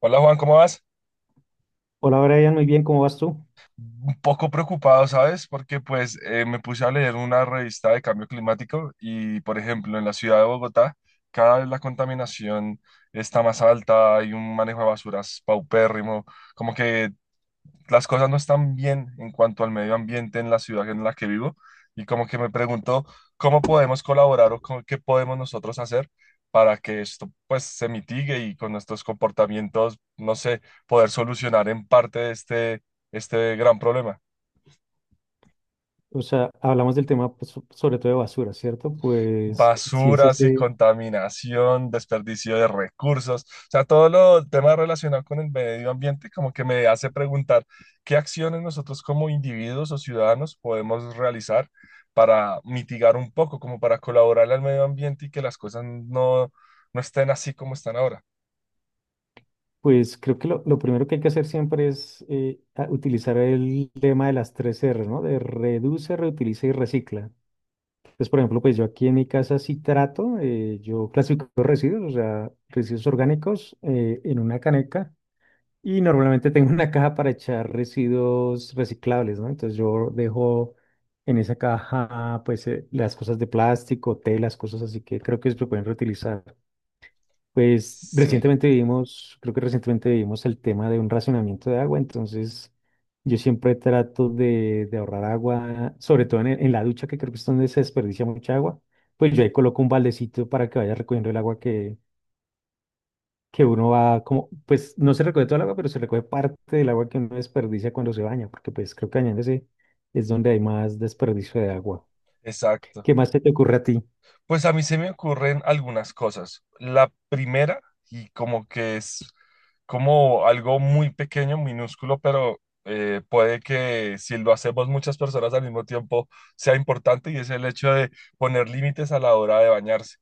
Hola Juan, ¿cómo vas? Hola Brian, muy bien, ¿cómo vas tú? Un poco preocupado, ¿sabes? Porque pues me puse a leer una revista de cambio climático y, por ejemplo, en la ciudad de Bogotá, cada vez la contaminación está más alta, hay un manejo de basuras paupérrimo, como que las cosas no están bien en cuanto al medio ambiente en la ciudad en la que vivo y como que me pregunto cómo podemos colaborar o qué podemos nosotros hacer para que esto pues se mitigue y con nuestros comportamientos, no sé, poder solucionar en parte este gran problema. O sea, hablamos del tema pues, sobre todo de basura, ¿cierto? Pues si es Basuras y ese, contaminación, desperdicio de recursos, o sea, todo lo tema relacionado con el medio ambiente como que me hace preguntar qué acciones nosotros como individuos o ciudadanos podemos realizar para mitigar un poco, como para colaborar al medio ambiente y que las cosas no estén así como están ahora. pues creo que lo primero que hay que hacer siempre es utilizar el lema de las tres R, ¿no? De reduce, reutiliza y recicla. Entonces, por ejemplo, pues yo aquí en mi casa sí trato, yo clasifico residuos, o sea, residuos orgánicos en una caneca. Y normalmente tengo una caja para echar residuos reciclables, ¿no? Entonces yo dejo en esa caja, pues, las cosas de plástico, telas, cosas así que creo que se pueden reutilizar. Pues Sí, recientemente vivimos, creo que recientemente vivimos el tema de un racionamiento de agua, entonces yo siempre trato de ahorrar agua, sobre todo en la ducha, que creo que es donde se desperdicia mucha agua. Pues yo ahí coloco un baldecito para que vaya recogiendo el agua que uno va como, pues no se recoge todo el agua, pero se recoge parte del agua que uno desperdicia cuando se baña, porque pues creo que bañándose es donde hay más desperdicio de agua. exacto. ¿Qué más se te ocurre a ti? Pues a mí se me ocurren algunas cosas. La primera, y como que es como algo muy pequeño, minúsculo, pero puede que si lo hacemos muchas personas al mismo tiempo sea importante, y es el hecho de poner límites a la hora de bañarse.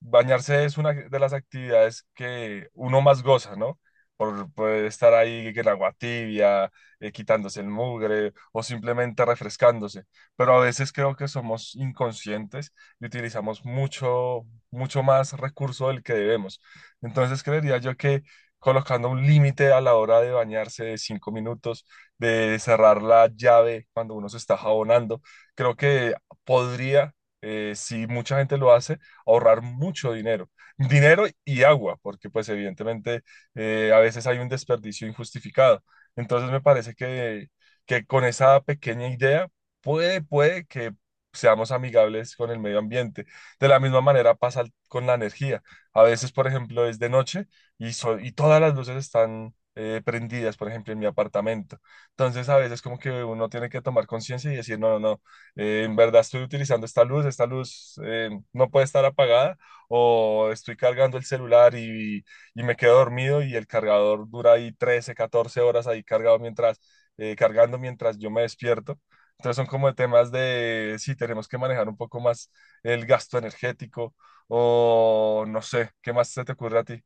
Bañarse es una de las actividades que uno más goza, ¿no? Por estar ahí en agua tibia, quitándose el mugre o simplemente refrescándose. Pero a veces creo que somos inconscientes y utilizamos mucho, mucho más recurso del que debemos. Entonces creería yo que colocando un límite a la hora de bañarse de 5 minutos, de cerrar la llave cuando uno se está jabonando, creo que podría, si mucha gente lo hace, ahorrar mucho dinero. Dinero y agua, porque pues evidentemente a veces hay un desperdicio injustificado. Entonces me parece que con esa pequeña idea puede que seamos amigables con el medio ambiente. De la misma manera pasa con la energía. A veces, por ejemplo, es de noche y y todas las luces están prendidas, por ejemplo, en mi apartamento. Entonces, a veces como que uno tiene que tomar conciencia y decir, no, no, no, en verdad estoy utilizando esta luz no puede estar apagada o estoy cargando el celular y me quedo dormido y el cargador dura ahí 13 14 horas ahí cargado mientras yo me despierto. Entonces son como temas de, sí, tenemos que manejar un poco más el gasto energético o no sé, ¿qué más se te ocurre a ti?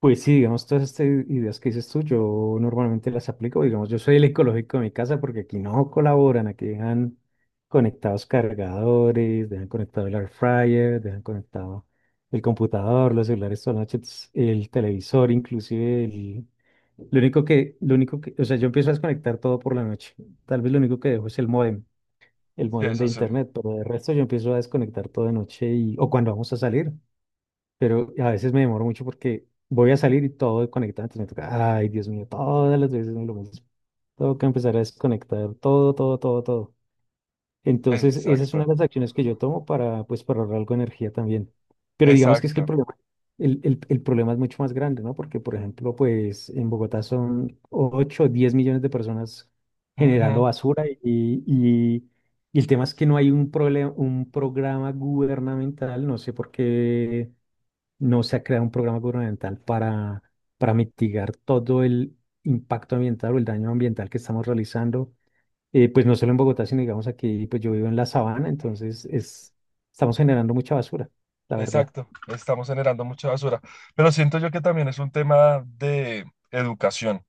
Pues sí, digamos, todas estas ideas que dices tú, yo normalmente las aplico. Digamos, yo soy el ecológico de mi casa porque aquí no colaboran, aquí dejan conectados cargadores, dejan conectado el air fryer, dejan conectado el computador, los celulares toda la noche, el televisor, inclusive el... Lo único que, o sea, yo empiezo a desconectar todo por la noche. Tal vez lo único que dejo es el módem, el Sí, módem de eso sí, internet, pero de resto yo empiezo a desconectar todo de noche y, o cuando vamos a salir, pero a veces me demoro mucho porque voy a salir y todo desconectado, entonces me toca, ay, Dios mío, todas las veces es lo mismo. Tengo que empezar a desconectar todo, todo, todo, todo. Entonces, esa es una exacto, de las acciones que yo tomo para, pues, para ahorrar algo de energía también. Pero digamos que es que el exacto, problema, el problema es mucho más grande, ¿no? Porque, por ejemplo, pues en Bogotá son 8 o 10 millones de personas generando ujú, basura y, y el tema es que no hay un programa gubernamental, no sé por qué no se ha creado un programa gubernamental para mitigar todo el impacto ambiental o el daño ambiental que estamos realizando, pues no solo en Bogotá, sino digamos aquí, pues yo vivo en la sabana, entonces estamos generando mucha basura, la verdad. exacto, estamos generando mucha basura, pero siento yo que también es un tema de educación.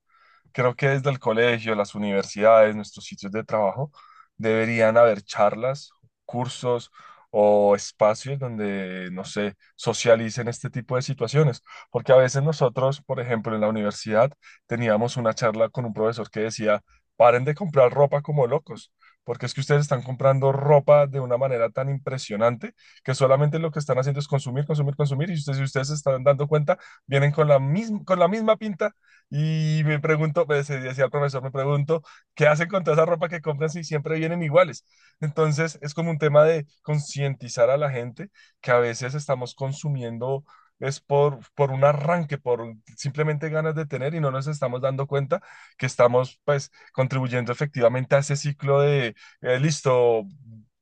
Creo que desde el colegio, las universidades, nuestros sitios de trabajo, deberían haber charlas, cursos o espacios donde, no sé, socialicen este tipo de situaciones. Porque a veces nosotros, por ejemplo, en la universidad teníamos una charla con un profesor que decía, paren de comprar ropa como locos. Porque es que ustedes están comprando ropa de una manera tan impresionante que solamente lo que están haciendo es consumir, consumir, consumir. Y ustedes, si ustedes se están dando cuenta, vienen con la misma pinta y me pregunto, pues, decía el profesor, me pregunto, ¿qué hacen con toda esa ropa que compran si siempre vienen iguales? Entonces, es como un tema de concientizar a la gente que a veces estamos consumiendo es por un arranque, por simplemente ganas de tener y no nos estamos dando cuenta que estamos pues contribuyendo efectivamente a ese ciclo de, listo,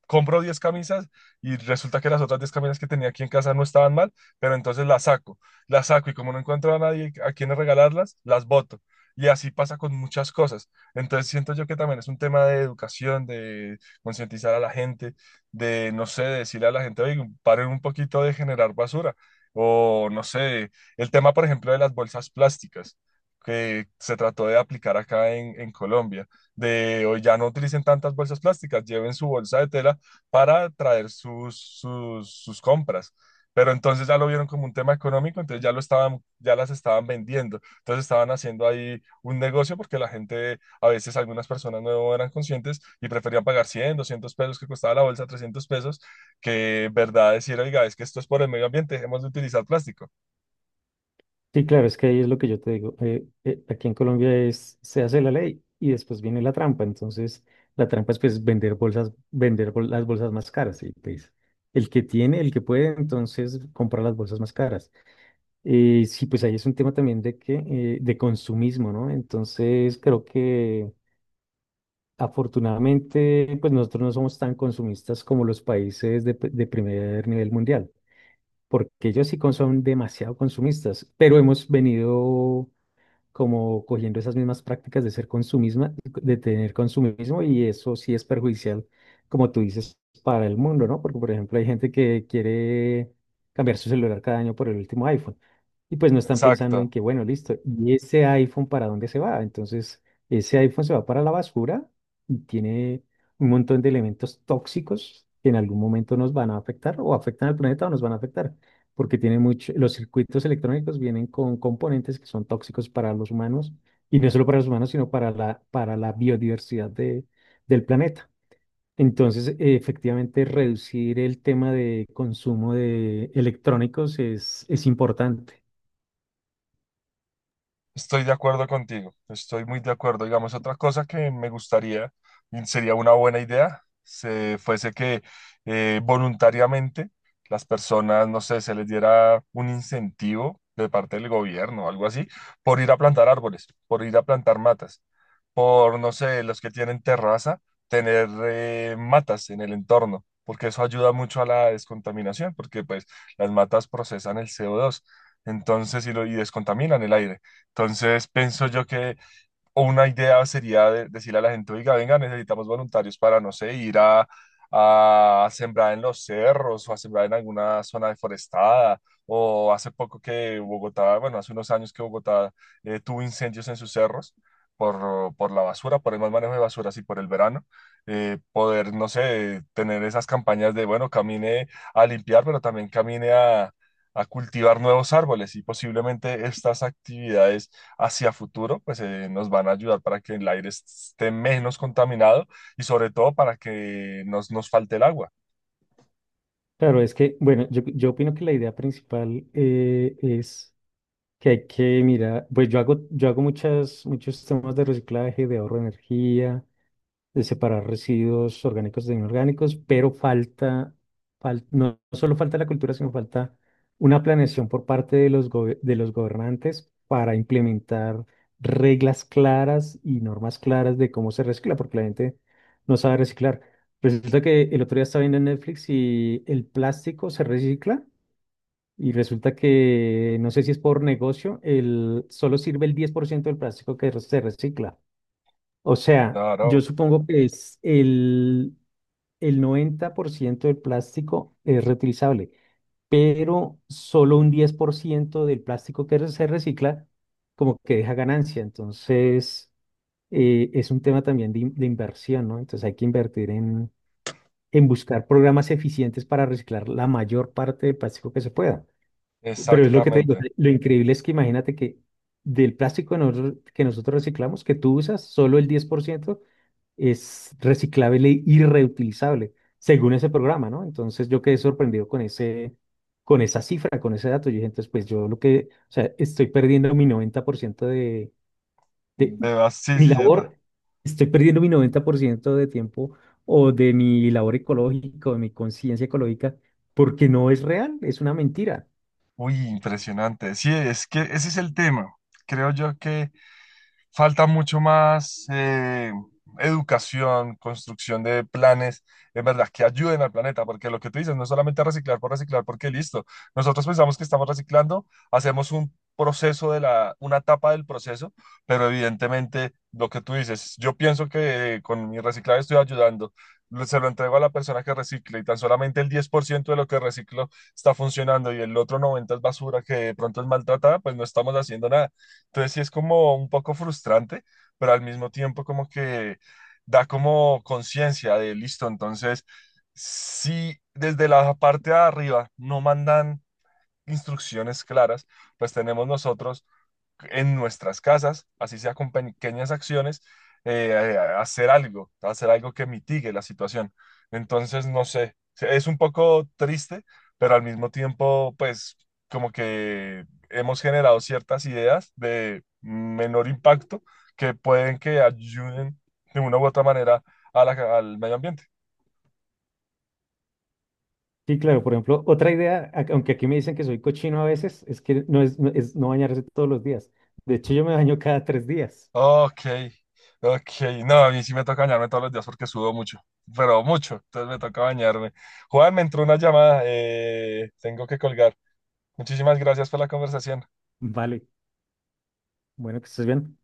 compro 10 camisas y resulta que las otras 10 camisas que tenía aquí en casa no estaban mal, pero entonces las saco y como no encuentro a nadie a quien regalarlas, las boto. Y así pasa con muchas cosas. Entonces siento yo que también es un tema de educación, de concientizar a la gente, de, no sé, de decirle a la gente, oye, paren un poquito de generar basura. O, no sé, el tema, por ejemplo, de las bolsas plásticas que se trató de aplicar acá en Colombia, de hoy ya no utilicen tantas bolsas plásticas, lleven su bolsa de tela para traer sus compras. Pero entonces ya lo vieron como un tema económico, entonces ya lo estaban, ya las estaban vendiendo. Entonces estaban haciendo ahí un negocio porque la gente, a veces algunas personas no eran conscientes y preferían pagar 100 200 pesos que costaba la bolsa, 300 pesos, que verdad decir, oiga, es que esto es por el medio ambiente, dejemos de utilizar plástico. Sí, claro, es que ahí es lo que yo te digo. Aquí en Colombia se hace la ley y después viene la trampa. Entonces, la trampa es pues vender bolsas, las bolsas más caras. Y pues el que tiene, el que puede, entonces compra las bolsas más caras. Sí, pues ahí es un tema también de que de consumismo, ¿no? Entonces creo que afortunadamente, pues nosotros no somos tan consumistas como los países de primer nivel mundial, porque ellos sí son demasiado consumistas, pero hemos venido como cogiendo esas mismas prácticas de ser consumismo, de tener consumismo, y eso sí es perjudicial, como tú dices, para el mundo, ¿no? Porque, por ejemplo, hay gente que quiere cambiar su celular cada año por el último iPhone, y pues no están pensando en Exacto. que, bueno, listo, ¿y ese iPhone para dónde se va? Entonces, ese iPhone se va para la basura y tiene un montón de elementos tóxicos que en algún momento nos van a afectar o afectan al planeta o nos van a afectar porque tiene mucho, los circuitos electrónicos vienen con componentes que son tóxicos para los humanos, y no solo para los humanos, sino para la biodiversidad del planeta. Entonces, efectivamente, reducir el tema de consumo de electrónicos es importante. Estoy de acuerdo contigo, estoy muy de acuerdo. Digamos, otra cosa que me gustaría, y sería una buena idea, se fuese que voluntariamente las personas, no sé, se les diera un incentivo de parte del gobierno o algo así, por ir a plantar árboles, por ir a plantar matas, por, no sé, los que tienen terraza, tener matas en el entorno, porque eso ayuda mucho a la descontaminación, porque pues las matas procesan el CO2 entonces, y, lo, y descontaminan el aire. Entonces, pienso yo que una idea sería decirle a la gente, oiga, venga, necesitamos voluntarios para, no sé, ir a sembrar en los cerros o a sembrar en alguna zona deforestada. O hace poco que Bogotá, bueno, hace unos años que Bogotá tuvo incendios en sus cerros por la basura, por el mal manejo de basuras y por el verano. Poder, no sé, tener esas campañas de, bueno, camine a limpiar, pero también camine a cultivar nuevos árboles y posiblemente estas actividades hacia futuro, pues nos van a ayudar para que el aire esté menos contaminado y sobre todo para que nos falte el agua. Claro, es que, bueno, yo opino que la idea principal es que hay que mirar, pues yo hago muchos temas de reciclaje, de ahorro de energía, de separar residuos orgánicos de inorgánicos, pero falta, no solo falta la cultura, sino falta una planeación por parte de los gobernantes para implementar reglas claras y normas claras de cómo se recicla, porque la gente no sabe reciclar. Resulta que el otro día estaba viendo en Netflix y el plástico se recicla y resulta que, no sé si es por negocio, el, solo sirve el 10% del plástico que se recicla. O sea, yo Claro, supongo que es el 90% del plástico es reutilizable, pero solo un 10% del plástico que se recicla como que deja ganancia. Entonces, es un tema también de inversión, ¿no? Entonces hay que invertir en buscar programas eficientes para reciclar la mayor parte del plástico que se pueda. Pero es lo que te digo, o sea, exactamente. lo increíble es que imagínate que del plástico que nosotros reciclamos, que tú usas, solo el 10% es reciclable y reutilizable, según ese programa, ¿no? Entonces yo quedé sorprendido con esa cifra, con ese dato. Yo dije, entonces, pues yo lo que, o sea, estoy perdiendo mi 90% de De vas- sí, mi sí, sí, ta- labor, estoy perdiendo mi 90% de tiempo o de mi labor ecológica, o de mi conciencia ecológica, porque no es real, es una mentira. Uy, impresionante. Sí, es que ese es el tema. Creo yo que falta mucho más educación, construcción de planes, en verdad, que ayuden al planeta, porque lo que tú dices no es solamente reciclar por reciclar, porque listo, nosotros pensamos que estamos reciclando, hacemos un proceso una etapa del proceso, pero evidentemente lo que tú dices, yo pienso que con mi reciclaje estoy ayudando. Se lo entrego a la persona que recicle y tan solamente el 10% de lo que reciclo está funcionando y el otro 90% es basura que de pronto es maltratada, pues no estamos haciendo nada. Entonces sí es como un poco frustrante, pero al mismo tiempo como que da como conciencia de listo. Entonces, si desde la parte de arriba no mandan instrucciones claras, pues tenemos nosotros en nuestras casas, así sea con pequeñas acciones, hacer algo que mitigue la situación. Entonces, no sé, es un poco triste, pero al mismo tiempo, pues como que hemos generado ciertas ideas de menor impacto que pueden que ayuden de una u otra manera a al medio ambiente. Sí, claro, por ejemplo, otra idea, aunque aquí me dicen que soy cochino a veces, es que no es no bañarse todos los días. De hecho, yo me baño cada 3 días. Ok, ok. No, a mí sí me toca bañarme todos los días porque sudo mucho, pero mucho. Entonces me toca bañarme. Juan, me entró una llamada. Eh, tengo que colgar. Muchísimas gracias por la conversación. Vale. Bueno, que estés bien.